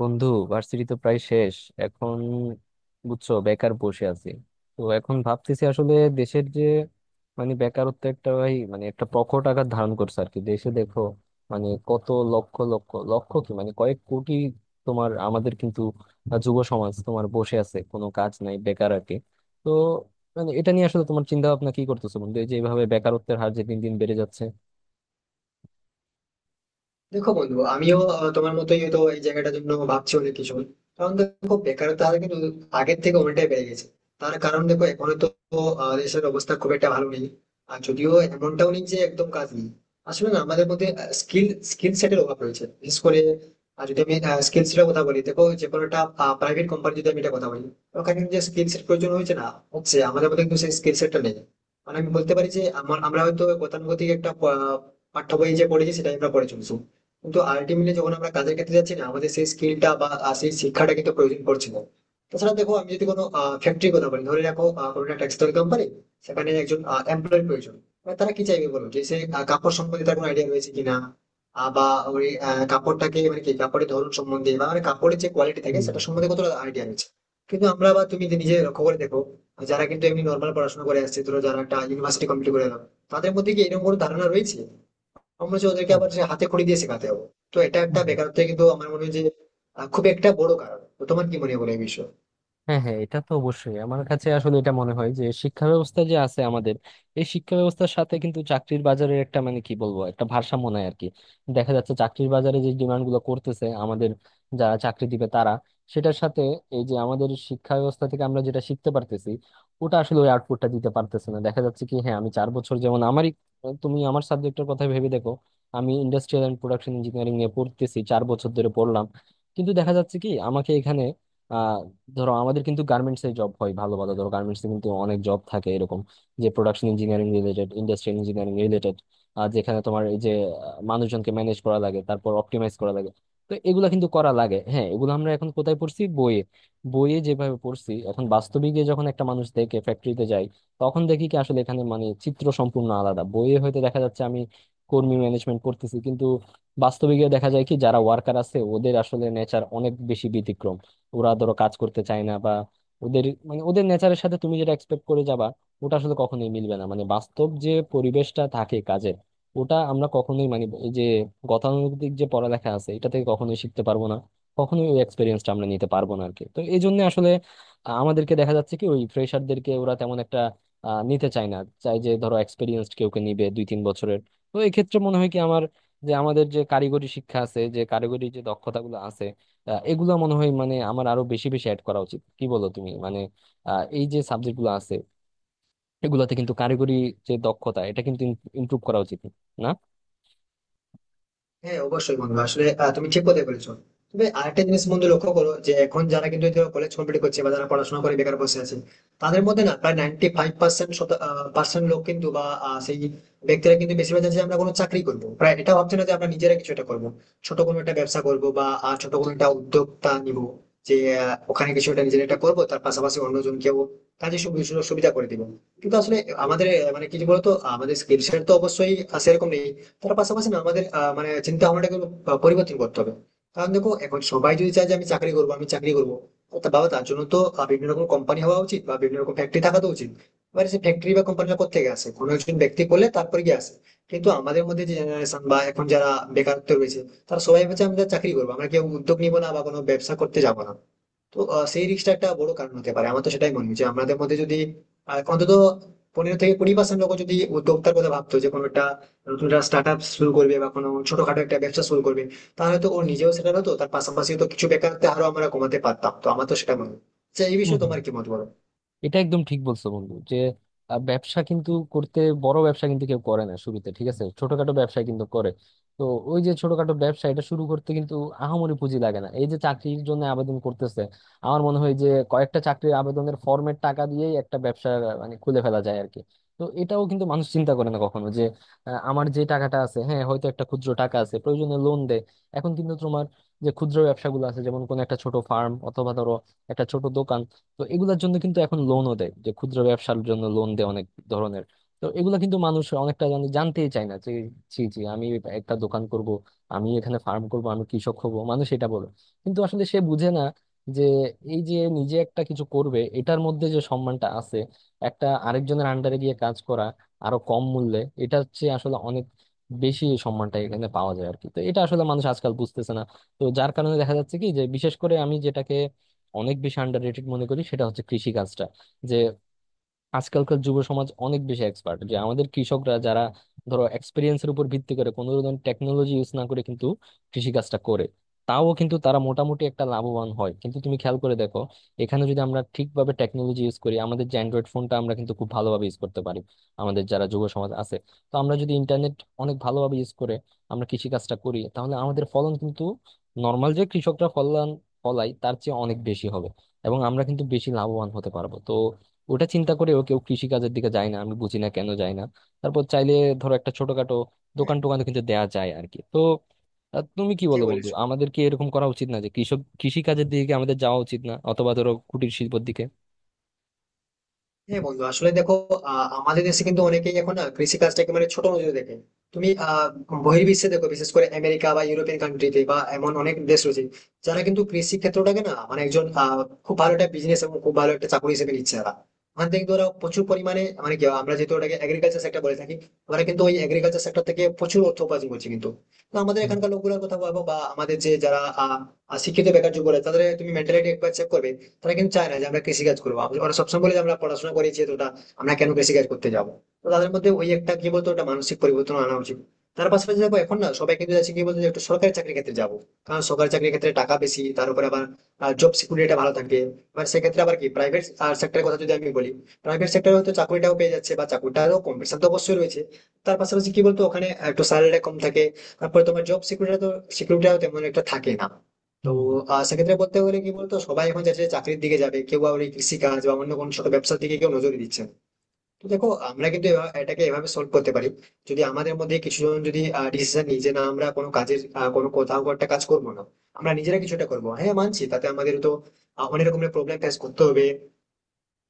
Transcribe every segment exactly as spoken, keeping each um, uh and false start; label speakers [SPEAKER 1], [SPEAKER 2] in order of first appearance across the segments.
[SPEAKER 1] বন্ধু, ভার্সিটি তো প্রায় শেষ এখন, বুঝছো? বেকার বসে আছি। তো এখন ভাবতেছি আসলে দেশের যে, মানে, বেকারত্ব একটা, ভাই, মানে একটা প্রকট আকার ধারণ করছে আর কি দেশে, দেখো, মানে কত লক্ষ লক্ষ লক্ষ কি, মানে, কয়েক কোটি তোমার আমাদের কিন্তু আহ, যুব সমাজ তোমার বসে আছে, কোনো কাজ নাই, বেকার আর কি। তো, মানে, এটা নিয়ে আসলে তোমার চিন্তা ভাবনা কি করতেছো বন্ধু এই যে এইভাবে বেকারত্বের হার যে দিন দিন বেড়ে যাচ্ছে?
[SPEAKER 2] দেখো বন্ধু আমিও আহ, তোমার মতোই হয়তো এই জায়গাটার জন্য ভাবছি অনেক কিছু। কারণ দেখো, বেকারত্ব হার কিন্তু আগের থেকে অনেকটাই বেড়ে গেছে। তার কারণ দেখো, এখন তো আহ, দেশের অবস্থা খুব একটা ভালো নেই। আর যদিও এমনটাও নেই যে একদম কাজ নেই, আসলে না আমাদের মধ্যে স্কিল স্কিল সেটের অভাব রয়েছে বিশেষ করে। আর যদি আমি স্কিল সেটের কথা বলি, দেখো যে কোনো একটা প্রাইভেট কোম্পানি যদি আমি এটা কথা বলি, ওখানে কিন্তু যে স্কিল সেট প্রয়োজন হয়েছে না হচ্ছে, আমাদের মধ্যে কিন্তু সেই স্কিল সেটটা নেই। মানে আমি বলতে পারি যে আমার- আমরা হয়তো গতানুগতিক একটা আহ, পাঠ্য বই যে পড়েছি সেটাই আমরা পড়ে চলছি। কিন্তু আলটিমেটলি যখন আমরা কাজের ক্ষেত্রে যাচ্ছি না, আমাদের সেই স্কিলটা বা আহ, সেই শিক্ষাটা কিন্তু প্রয়োজন পড়ছে না। তাছাড়া দেখো, আমি যদি কোনো ফ্যাক্টরির কথা বলি, ধরে রাখো আহ, কোনো একটা টেক্সটাইল কোম্পানি, সেখানে একজন এমপ্লয়ের প্রয়োজন। এবার তারা কি চাইবে বলো? যে সে আহ, কাপড় সম্বন্ধে তার কোনো আইডিয়া রয়েছে কিনা, আহ, বা ওই আহ, কাপড়টাকে মানে কি কাপড়ের ধরন সম্বন্ধে বা মানে কাপড়ের যে কোয়ালিটি থাকে সেটা সম্বন্ধে কতটা আইডিয়া রয়েছে। কিন্তু আমরা বা তুমি যে নিজে লক্ষ্য করে দেখো, যারা কিন্তু এমনি নর্মাল পড়াশোনা করে আসছে, ধরো যারা একটা ইউনিভার্সিটি কমপ্লিট করে এলো, তাদের মধ্যে কি এরকম কোনো ধারণা রয়েছে? আমার মনে হচ্ছে ওদেরকে আবার যে হাতে খড়ি দিয়ে শেখাতে হবে। তো এটা একটা
[SPEAKER 1] হুম।
[SPEAKER 2] বেকারত্ব কিন্তু আমার মনে হয় যে আহ, খুব একটা বড় কারণ। তো তোমার কি মনে হয় বলো এই বিষয়ে?
[SPEAKER 1] হ্যাঁ হ্যাঁ, এটা তো অবশ্যই। আমার কাছে আসলে এটা মনে হয় যে শিক্ষা ব্যবস্থা যে আছে আমাদের, এই শিক্ষা ব্যবস্থার সাথে কিন্তু চাকরির বাজারের একটা, মানে, কি বলবো, একটা ভারসাম্য নাই আর কি। দেখা যাচ্ছে চাকরির বাজারে যে ডিমান্ড গুলো করতেছে আমাদের, যারা চাকরি দিবে তারা, সেটার সাথে এই যে আমাদের শিক্ষা ব্যবস্থা থেকে আমরা যেটা শিখতে পারতেছি, ওটা আসলে ওই আউটপুটটা দিতে পারতেছে না। দেখা যাচ্ছে কি, হ্যাঁ, আমি চার বছর, যেমন আমারই, তুমি আমার সাবজেক্টের কথা ভেবে দেখো, আমি ইন্ডাস্ট্রিয়াল অ্যান্ড প্রোডাকশন ইঞ্জিনিয়ারিং নিয়ে পড়তেছি, চার বছর ধরে পড়লাম। কিন্তু দেখা যাচ্ছে কি আমাকে এখানে, ধরো আমাদের কিন্তু গার্মেন্টস এ জব হয় ভালো ভালো, ধরো গার্মেন্টস এ কিন্তু অনেক জব থাকে এরকম, যে production engineering related, industrial engineering related. আর যেখানে তোমার এই যে আহ, মানুষজনকে ম্যানেজ করা লাগে, তারপর অপটিমাইজ করা লাগে, তো এগুলা কিন্তু করা লাগে। হ্যাঁ, এগুলো আমরা এখন কোথায় পড়ছি? বইয়ে। বইয়ে যেভাবে পড়ছি এখন, বাস্তবে গিয়ে যখন একটা মানুষ দেখে, ফ্যাক্টরিতে যায়, তখন দেখি কি আসলে এখানে, মানে, চিত্র সম্পূর্ণ আলাদা। বইয়ে হয়তো দেখা যাচ্ছে আমি কর্মী ম্যানেজমেন্ট করতেছি, কিন্তু বাস্তবে গিয়ে দেখা যায় কি যারা ওয়ার্কার আছে ওদের আসলে নেচার অনেক বেশি ব্যতিক্রম। ওরা ধরো কাজ করতে চায় না, বা ওদের, মানে, ওদের নেচারের সাথে তুমি যেটা এক্সপেক্ট করে যাবা, ওটা আসলে কখনোই মিলবে না। মানে বাস্তব যে পরিবেশটা থাকে কাজের, ওটা আমরা কখনোই, মানে, এই যে গতানুগতিক যে পড়ালেখা আছে এটা থেকে কখনোই শিখতে পারবো না। কখনোই ওই এক্সপিরিয়েন্সটা আমরা নিতে পারবো না আরকি। তো এই জন্য আসলে আ- আমাদেরকে দেখা যাচ্ছে কি ওই ফ্রেশারদেরকে ওরা তেমন একটা আহ, নিতে চায় না। চাই যে ধরো এক্সপিরিয়েন্সড কেউকে নিবে, দুই তিন বছরের। তো এই ক্ষেত্রে মনে হয় কি আমার, যে আমাদের যে কারিগরি শিক্ষা আছে, যে কারিগরি যে দক্ষতাগুলো আছে, আহ, এগুলা মনে হয়, মানে, আমার আরো বেশি বেশি অ্যাড করা উচিত। কি বলো তুমি? মানে, আহ, এই যে সাবজেক্ট গুলো আছে, এগুলাতে কিন্তু কারিগরি যে দক্ষতা, এটা কিন্তু ইমপ্রুভ করা উচিত না?
[SPEAKER 2] হ্যাঁ, অবশ্যই বন্ধু, আসলে আহ, তুমি ঠিক কথাই বলেছো। তবে আরেকটা জিনিস বন্ধু লক্ষ্য করো, যে এখন যারা কিন্তু কলেজ কমপ্লিট করছে বা যারা পড়াশোনা করে বেকার বসে আছে, তাদের মধ্যে না প্রায় নাইনটি ফাইভ পার্সেন্ট পার্সেন্ট লোক কিন্তু বা আহ, সেই ব্যক্তিরা কিন্তু বেশিরভাগ চাইছে যে আমরা কোনো চাকরি করবো, প্রায় এটা ভাবছে না যে আমরা নিজেরা কিছু একটা করবো, ছোট কোনো একটা ব্যবসা করবো বা আহ, ছোট কোনো একটা উদ্যোক্তা নিব, যে আহ, ওখানে কিছু একটা নিজের একটা করবো, তার পাশাপাশি অন্যজনকেও কাজে সুবি- সুযোগ সুবিধা করে দিব। কিন্তু আসলে আমাদের আহ, মানে কি বলতো, আমাদের স্কিল সেট তো অবশ্যই আহ, সেরকম নেই। তার পাশাপাশি না আমাদের আহ, মানে চিন্তা ভাবনাটাকে একটু, আহ, পরিবর্তন করতে হবে। কারণ দেখো, এখন সবাই যদি চায় যে আমি চাকরি করবো, আমি চাকরি করবো, তা বাবা তার জন্য তো আহ, বিভিন্ন রকম কোম্পানি হওয়া উচিত বা বিভিন্ন রকম ফ্যাক্টরি থাকা তো উচিত। এবার সেই ফ্যাক্টরি বা কোম্পানিটা কোথা থেকে আসে? কোনো একজন ব্যক্তি করলে তারপরে গিয়ে আসে। কিন্তু আমাদের মধ্যে যে জেনারেশন বা এখন যারা বেকারত্ব রয়েছে, তারা সবাই ভাবছে আমরা চাকরি করবো, আমরা কেউ উদ্যোগ নিবো না বা কোনো ব্যবসা করতে যাবো না। তো আহ, সেই রিস্কটা একটা বড় কারণ হতে পারে। আমার তো সেটাই মনে হয়, যে আমাদের মধ্যে যদি আহ, অন্তত পনেরো থেকে কুড়ি পার্সেন্ট লোক যদি উদ্যোক্তার কথা ভাবতো, যে কোনো একটা নতুন একটা স্টার্ট আপ শুরু করবে বা কোনো ছোটখাটো একটা ব্যবসা শুরু করবে, তাহলে তো ও নিজেও সেটা হতো, তার পাশাপাশি তো কিছু বেকারত্ব আরো আমরা কমাতে পারতাম। তো আমার তো সেটা মনে হয়। আচ্ছা, এই বিষয়ে তোমার কি মত বলো?
[SPEAKER 1] এটা একদম ঠিক বলছো বন্ধু যে আহ, ব্যবসা কিন্তু করতে, বড় ব্যবসা কিন্তু কেউ করে না শুরুতে, ঠিক আছে, ছোটখাটো ব্যবসা কিন্তু করে। তো ওই যে ছোটখাটো ব্যবসা, এটা শুরু করতে কিন্তু আহামরি পুঁজি লাগে না। এই যে চাকরির জন্য আবেদন করতেছে, আমার মনে হয় যে কয়েকটা চাকরির আবেদনের ফর্মের টাকা দিয়েই একটা ব্যবসা আহ, মানে খুলে ফেলা যায় আর কি। তো এটাও কিন্তু মানুষ চিন্তা করে না কখনো, যে আহ, আমার যে টাকাটা আছে, হ্যাঁ হয়তো একটা ক্ষুদ্র টাকা আছে, প্রয়োজনে লোন দেয়। এখন কিন্তু তোমার যে ক্ষুদ্র ব্যবসাগুলো আছে, যেমন কোনো একটা ছোট ফার্ম অথবা ধরো একটা ছোট দোকান, তো এগুলোর জন্য কিন্তু এখন লোনও দেয়, যে ক্ষুদ্র ব্যবসার জন্য লোন দেয় অনেক ধরনের। তো এগুলো কিন্তু মানুষ অনেকটা জানে, জানতেই চায় না যে, জি জি, আমি একটা দোকান করব, আমি এখানে ফার্ম করব, আমি কৃষক হব, মানুষ এটা বলে। কিন্তু আসলে সে বুঝে না যে এই যে নিজে একটা কিছু করবে এটার মধ্যে যে সম্মানটা আছে, একটা আরেকজনের আন্ডারে গিয়ে কাজ করা, আরো কম মূল্যে, এটা হচ্ছে আসলে অনেক বেশি, সম্মানটা এখানে পাওয়া যায় আর কি। তো এটা আসলে মানুষ আজকাল বুঝতেছে না। তো যার কারণে দেখা যাচ্ছে কি, যে বিশেষ করে আমি যেটাকে অনেক বেশি আন্ডাররেটেড মনে করি, সেটা হচ্ছে কৃষি কাজটা। যে আজকালকার যুব সমাজ অনেক বেশি এক্সপার্ট, যে আমাদের কৃষকরা যারা ধরো এক্সপিরিয়েন্সের উপর ভিত্তি করে কোনো ধরনের টেকনোলজি ইউজ না করে কিন্তু কৃষিকাজটা করে, তাও কিন্তু তারা মোটামুটি একটা লাভবান হয়। কিন্তু তুমি খেয়াল করে দেখো, এখানে যদি আমরা ঠিকভাবে টেকনোলজি ইউজ করি, আমাদের যে অ্যান্ড্রয়েড ফোনটা আমরা কিন্তু খুব ভালোভাবে ইউজ করতে পারি আমাদের যারা যুব সমাজ আছে, তো আমরা যদি ইন্টারনেট অনেক ভালোভাবে ইউজ করে আমরা কৃষিকাজটা করি, তাহলে আমাদের ফলন কিন্তু নর্মাল যে কৃষকরা ফলন ফলায় তার চেয়ে অনেক বেশি হবে, এবং আমরা কিন্তু বেশি লাভবান হতে পারবো। তো ওটা চিন্তা করেও কেউ কৃষি কাজের দিকে যায় না, আমি বুঝি না কেন যায় না। তারপর চাইলে ধরো একটা ছোটখাটো
[SPEAKER 2] হ্যাঁ,
[SPEAKER 1] দোকান টোকান কিন্তু দেয়া যায় আর কি। তো আহ, তুমি কি
[SPEAKER 2] ঠিক
[SPEAKER 1] বলো বন্ধু,
[SPEAKER 2] বলেছো।
[SPEAKER 1] আমাদের কি এরকম করা উচিত না, যে কৃষক কৃষি কাজের দিকে কি আমাদের যাওয়া উচিত না, অথবা ধরো কুটির শিল্পের দিকে?
[SPEAKER 2] হ্যাঁ বন্ধু, আসলে দেখো, আহ, আমাদের দেশে কিন্তু অনেকেই এখন না কৃষি কাজটাকে মানে ছোট নজরে দেখে। তুমি আহ বহির্বিশ্বে দেখো, বিশেষ করে আমেরিকা বা ইউরোপিয়ান কান্ট্রিতে বা এমন অনেক দেশ রয়েছে, যারা কিন্তু কৃষি ক্ষেত্রটাকে না, মানে একজন আহ খুব ভালো একটা বিজনেস এবং খুব ভালো একটা চাকরি হিসেবে নিচ্ছে তারা। ওখান থেকে কিন্তু ওরা প্রচুর পরিমাণে, মানে কি, আমরা যেহেতু ওটাকে এগ্রিকালচার সেক্টর বলে থাকি, ওরা কিন্তু ওই এগ্রিকালচার সেক্টর থেকে প্রচুর অর্থ উপার্জন করছে কিন্তু। তো আমাদের
[SPEAKER 1] হুম
[SPEAKER 2] এখানকার লোকগুলোর কথা ভাবো, বা আমাদের যে যারা আহ আহ, শিক্ষিত বেকার যুবক রয়েছে, তাদের তুমি মেন্টালিটি একবার চেক করবে। তারা কিন্তু চায় না যে আমরা কৃষিকাজ করবো। আমরা- ওরা সবসময় বলে যে আমরা পড়াশোনা করেছি এতটা, আমরা কেন কৃষিকাজ করতে যাবো? তো তাদের মধ্যে ওই একটা কি বলতো, একটা মানসিক পরিবর্তন আনা উচিত। তার পাশাপাশি দেখো, এখন না সবাই কিন্তু যাচ্ছে কি বলতো, যে একটু সরকারি চাকরির ক্ষেত্রে যাবো। কারণ সরকারি চাকরির ক্ষেত্রে টাকা বেশি, তার উপরে আবার জব সিকিউরিটিটা ভালো থাকবে। এবার সেক্ষেত্রে আবার কি, প্রাইভেট সেক্টরের কথা যদি আমি বলি, প্রাইভেট সেক্টরে হয়তো চাকরিটাও পেয়ে যাচ্ছে বা চাকরিটারও কম্পিটিশন তো অবশ্যই রয়েছে। তার পাশাপাশি কি বলতো, ওখানে একটু স্যালারিটা কম থাকে। তারপরে তোমার জব সিকিউরিটি তো সিকিউরিটিটাও তেমন একটা থাকে না। তো
[SPEAKER 1] হুম।
[SPEAKER 2] আহ, সেক্ষেত্রে বলতে গেলে কি বলতো, সবাই এখন যাচ্ছে চাকরির দিকে, যাবে কেউ আবার এই কৃষিকাজ বা অন্য কোনো ছোট ব্যবসার দিকে কেউ নজর দিচ্ছে না। তো দেখো, আমরা কিন্তু এভা- এটাকে এভাবে সলভ করতে পারি। যদি আমাদের মধ্যে কিছুজন যদি ডিসিশন নিই যে না, আমরা কোনো কাজের আহ, কোনো কোথাও একটা কাজ করবো না, আমরা নিজেরা কিছুটা করবো। হ্যাঁ, মানছি তাতে আমাদের তো আহ, অনেক রকমের প্রবলেম ফেস করতে হবে,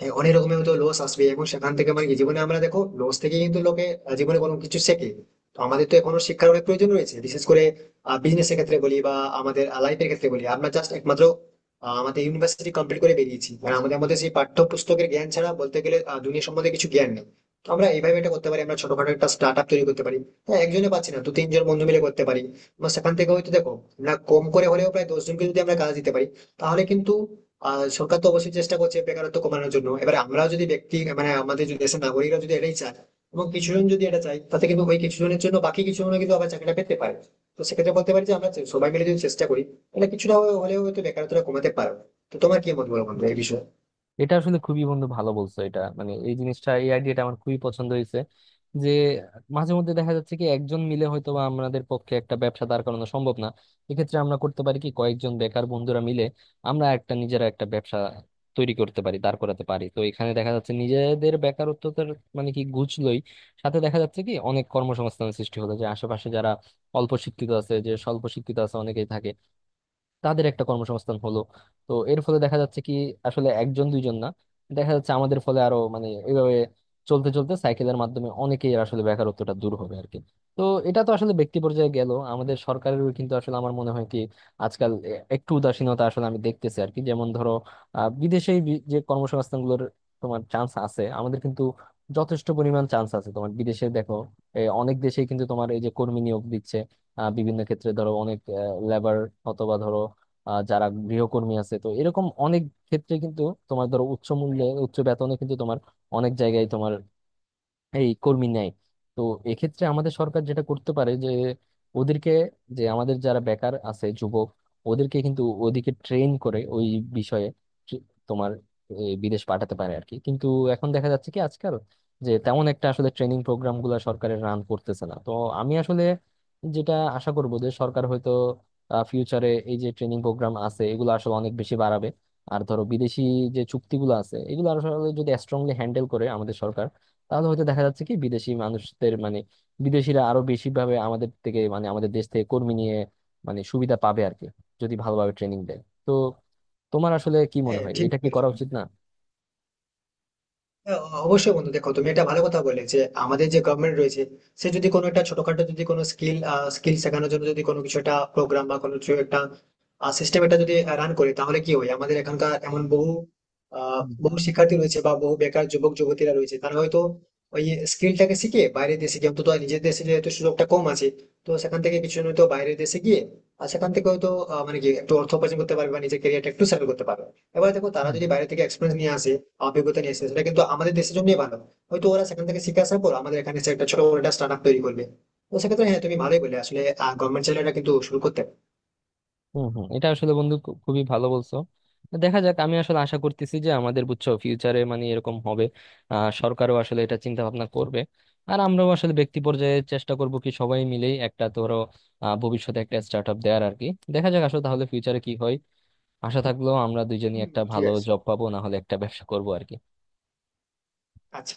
[SPEAKER 2] হ্যাঁ অনেক রকমের তো লস আসবে। এবং সেখান থেকে মানে কি, জীবনে আমরা দেখো লস থেকে কিন্তু লোকে আহ, জীবনে কোনো কিছু শেখে। তো আমাদের তো এখনো শিক্ষার অনেক প্রয়োজন রয়েছে, বিশেষ করে বিজনেস এর ক্ষেত্রে বলি বা আমাদের লাইফের ক্ষেত্রে বলি, আমরা জাস্ট একমাত্র আহ, আমাদের ইউনিভার্সিটি কমপ্লিট করে বেরিয়েছি, মানে আমাদের মধ্যে সেই পাঠ্যপুস্তকের জ্ঞান ছাড়া বলতে গেলে আহ, দুনিয়া সম্বন্ধে কিছু জ্ঞান নেই। তো আমরা এইভাবে এটা করতে পারি, আমরা ছোটখাটো একটা স্টার্ট আপ তৈরি করতে পারি। হ্যাঁ, একজনে পাচ্ছি না, দু তিনজন বন্ধু মিলে করতে পারি। এবং সেখান থেকে হয়তো দেখো না, কম করে হলেও প্রায় দশজনকে যদি আমরা কাজ দিতে পারি, তাহলে কিন্তু আহ সরকার তো অবশ্যই চেষ্টা করছে বেকারত্ব কমানোর জন্য। এবার আমরাও যদি ব্যক্তি, মানে আমাদের যদি দেশের নাগরিকরা যদি এটাই চায়, এবং কিছু জন যদি এটা চায়, তাতে কিন্তু ওই কিছু জনের জন্য বাকি কিছু জন কিন্তু আবার চাকরিটা পেতে পারে। তো সেক্ষেত্রে বলতে পারি যে আমরা চে- সবাই মিলে যদি চেষ্টা করি, তাহলে কিছুটা হলেও হয়তো বেকারত্বটা কমাতে পারবো। তো তোমার কি মত বলো বন্ধু এই বিষয়ে?
[SPEAKER 1] এটা আসলে, খুবই বন্ধু ভালো বলছো। এটা, মানে, এই জিনিসটা, এই আইডিয়াটা আমার খুবই পছন্দ হয়েছে। যে মাঝে মধ্যে দেখা যাচ্ছে কি একজন মিলে হয়তো বা আমাদের পক্ষে একটা ব্যবসা দাঁড় করানো সম্ভব না, এক্ষেত্রে আমরা করতে পারি কি, কয়েকজন বেকার বন্ধুরা মিলে আমরা একটা, নিজেরা একটা ব্যবসা তৈরি করতে পারি, দাঁড় করাতে পারি। তো এখানে দেখা যাচ্ছে নিজেদের বেকারত্বতার, মানে, কি ঘুচলোই, সাথে দেখা যাচ্ছে কি অনেক কর্মসংস্থান সৃষ্টি হলো, যে আশেপাশে যারা অল্প শিক্ষিত আছে, যে স্বল্প শিক্ষিত আছে, অনেকেই থাকে, তাদের একটা কর্মসংস্থান হলো। তো এর ফলে দেখা যাচ্ছে কি আসলে একজন দুইজন না, দেখা যাচ্ছে আমাদের ফলে আরো, মানে, এইভাবে চলতে চলতে সাইকেলের মাধ্যমে অনেকেই আসলে বেকারত্বটা দূর হবে আর কি। তো এটা তো আসলে ব্যক্তি পর্যায়ে গেল, আমাদের সরকারেরও কিন্তু আসলে আমার মনে হয় কি আজকাল এ- একটু উদাসীনতা, আসলে আমি দেখতেছি আর কি। যেমন ধরো, আহ বিদেশে যে কর্মসংস্থানগুলোর তোমার চান্স আছে, আমাদের কিন্তু যথেষ্ট পরিমাণ চান্স আছে তোমার। বিদেশে দেখো, এ, অনেক দেশেই কিন্তু তোমার এই যে কর্মী নিয়োগ দিচ্ছে আহ বিভিন্ন ক্ষেত্রে, ধরো অনেক লেবার, অথবা ধরো আহ যারা গৃহকর্মী আছে, তো এরকম অনেক ক্ষেত্রে কিন্তু তোমার, ধরো উচ্চ মূল্যে উচ্চ বেতনে কিন্তু তোমার অনেক জায়গায় তোমার এই কর্মী নেয়। তো এক্ষেত্রে আমাদের সরকার যেটা করতে পারে, যে ওদেরকে, যে আমাদের যারা বেকার আছে যুবক, ওদেরকে কিন্তু ওদিকে ট্রেন করে ওই বিষয়ে ট্রে- তোমার, এ, বিদেশ পাঠাতে পারে আর কি। কিন্তু এখন দেখা যাচ্ছে কি আজকাল যে তেমন একটা আসলে ট্রেনিং প্রোগ্রাম গুলা সরকারের রান করতেছে না। তো আমি আসলে যেটা আশা করবো যে সরকার হয়তো ফিউচারে এই যে ট্রেনিং প্রোগ্রাম আছে এগুলো আসলে অনেক বেশি বাড়াবে। আর ধরো বিদেশি যে চুক্তিগুলো আছে, এগুলো আসলে যদি স্ট্রংলি হ্যান্ডেল করে আমাদের সরকার, তাহলে হয়তো দেখা যাচ্ছে কি বিদেশি মানুষদের, মানে, বিদেশিরা আরো বেশি ভাবে আমাদের থেকে, মানে, আমাদের দেশ থেকে কর্মী নিয়ে, মানে, সুবিধা পাবে আর কি, যদি ভালোভাবে ট্রেনিং দেয়। তো তোমার আসলে কি মনে
[SPEAKER 2] হ্যাঁ,
[SPEAKER 1] হয়,
[SPEAKER 2] ঠিক
[SPEAKER 1] এটা কি
[SPEAKER 2] বলেছো
[SPEAKER 1] করা
[SPEAKER 2] বন্ধু।
[SPEAKER 1] উচিত না?
[SPEAKER 2] হ্যাঁ, অবশ্যই বন্ধু, দেখো তুমি একটা ভালো কথা বলে, যে আমাদের যে গভর্নমেন্ট রয়েছে, সে যদি কোনো একটা ছোটখাটো, যদি কোনো স্কিল স্কিল শেখানোর জন্য যদি কোনো কিছু একটা প্রোগ্রাম বা কোনো কিছু একটা সিস্টেম, এটা যদি রান করে, তাহলে কি হয়, আমাদের এখানকার এমন বহু আহ,
[SPEAKER 1] হুম হুম
[SPEAKER 2] বহু শিক্ষার্থী রয়েছে বা বহু বেকার যুবক যুবতীরা রয়েছে, তারা হয়তো ওই স্কিলটাকে শিখে বাইরের দেশে গিয়ে, অন্তত নিজের দেশে যেহেতু সুযোগটা কম আছে, তো সেখান থেকে কিছু জন হয়তো বাইরের দেশে গিয়ে, আর সেখান থেকে হয়তো আহ, মানে কি, একটু অর্থ উপার্জন করতে পারবে বা নিজের ক্যারিয়ারটা একটু সেটেল করতে পারবে। এবার দেখো, তারা
[SPEAKER 1] হুম।
[SPEAKER 2] যদি বাইরে থেকে এক্সপিরিয়েন্স নিয়ে আসে, অভিজ্ঞতা নিয়ে এসেছে, সেটা কিন্তু আমাদের দেশের জন্যই ভালো। হয়তো ওরা সেখান থেকে শিখে আসার পর আমাদের এখানে এসে একটা ছোট বড় একটা স্টার্ট আপ তৈরি করবে। তো সেক্ষেত্রে হ্যাঁ, তুমি ভালোই বলে আসলে, গভর্নমেন্ট চাইলে এটা কিন্তু শুরু করতে পারে।
[SPEAKER 1] হম হম, এটা আসলে বন্ধু খু- খুবই ভালো বলছো। দেখা যাক, আমি আসলে আশা করতেছি যে আমাদের, বুঝছো, ফিউচারে, মানে, এরকম হবে। আহ সরকারও আসলে এটা চিন্তা ভাবনা করবে, আর আমরাও আসলে ব্যক্তি পর্যায়ে চেষ্টা করব কি সবাই মিলেই একটা, ধরো, আহ ভবিষ্যতে একটা স্টার্ট আপ দেওয়ার আর কি। দেখা যাক আসলে তাহলে ফিউচারে কি হয়। আশা থাকলো আমরা দুজনই
[SPEAKER 2] হুম,
[SPEAKER 1] একটা
[SPEAKER 2] ঠিক
[SPEAKER 1] ভালো
[SPEAKER 2] আছে।
[SPEAKER 1] জব পাবো, না হলে একটা ব্যবসা করবো আর কি।
[SPEAKER 2] আচ্ছা।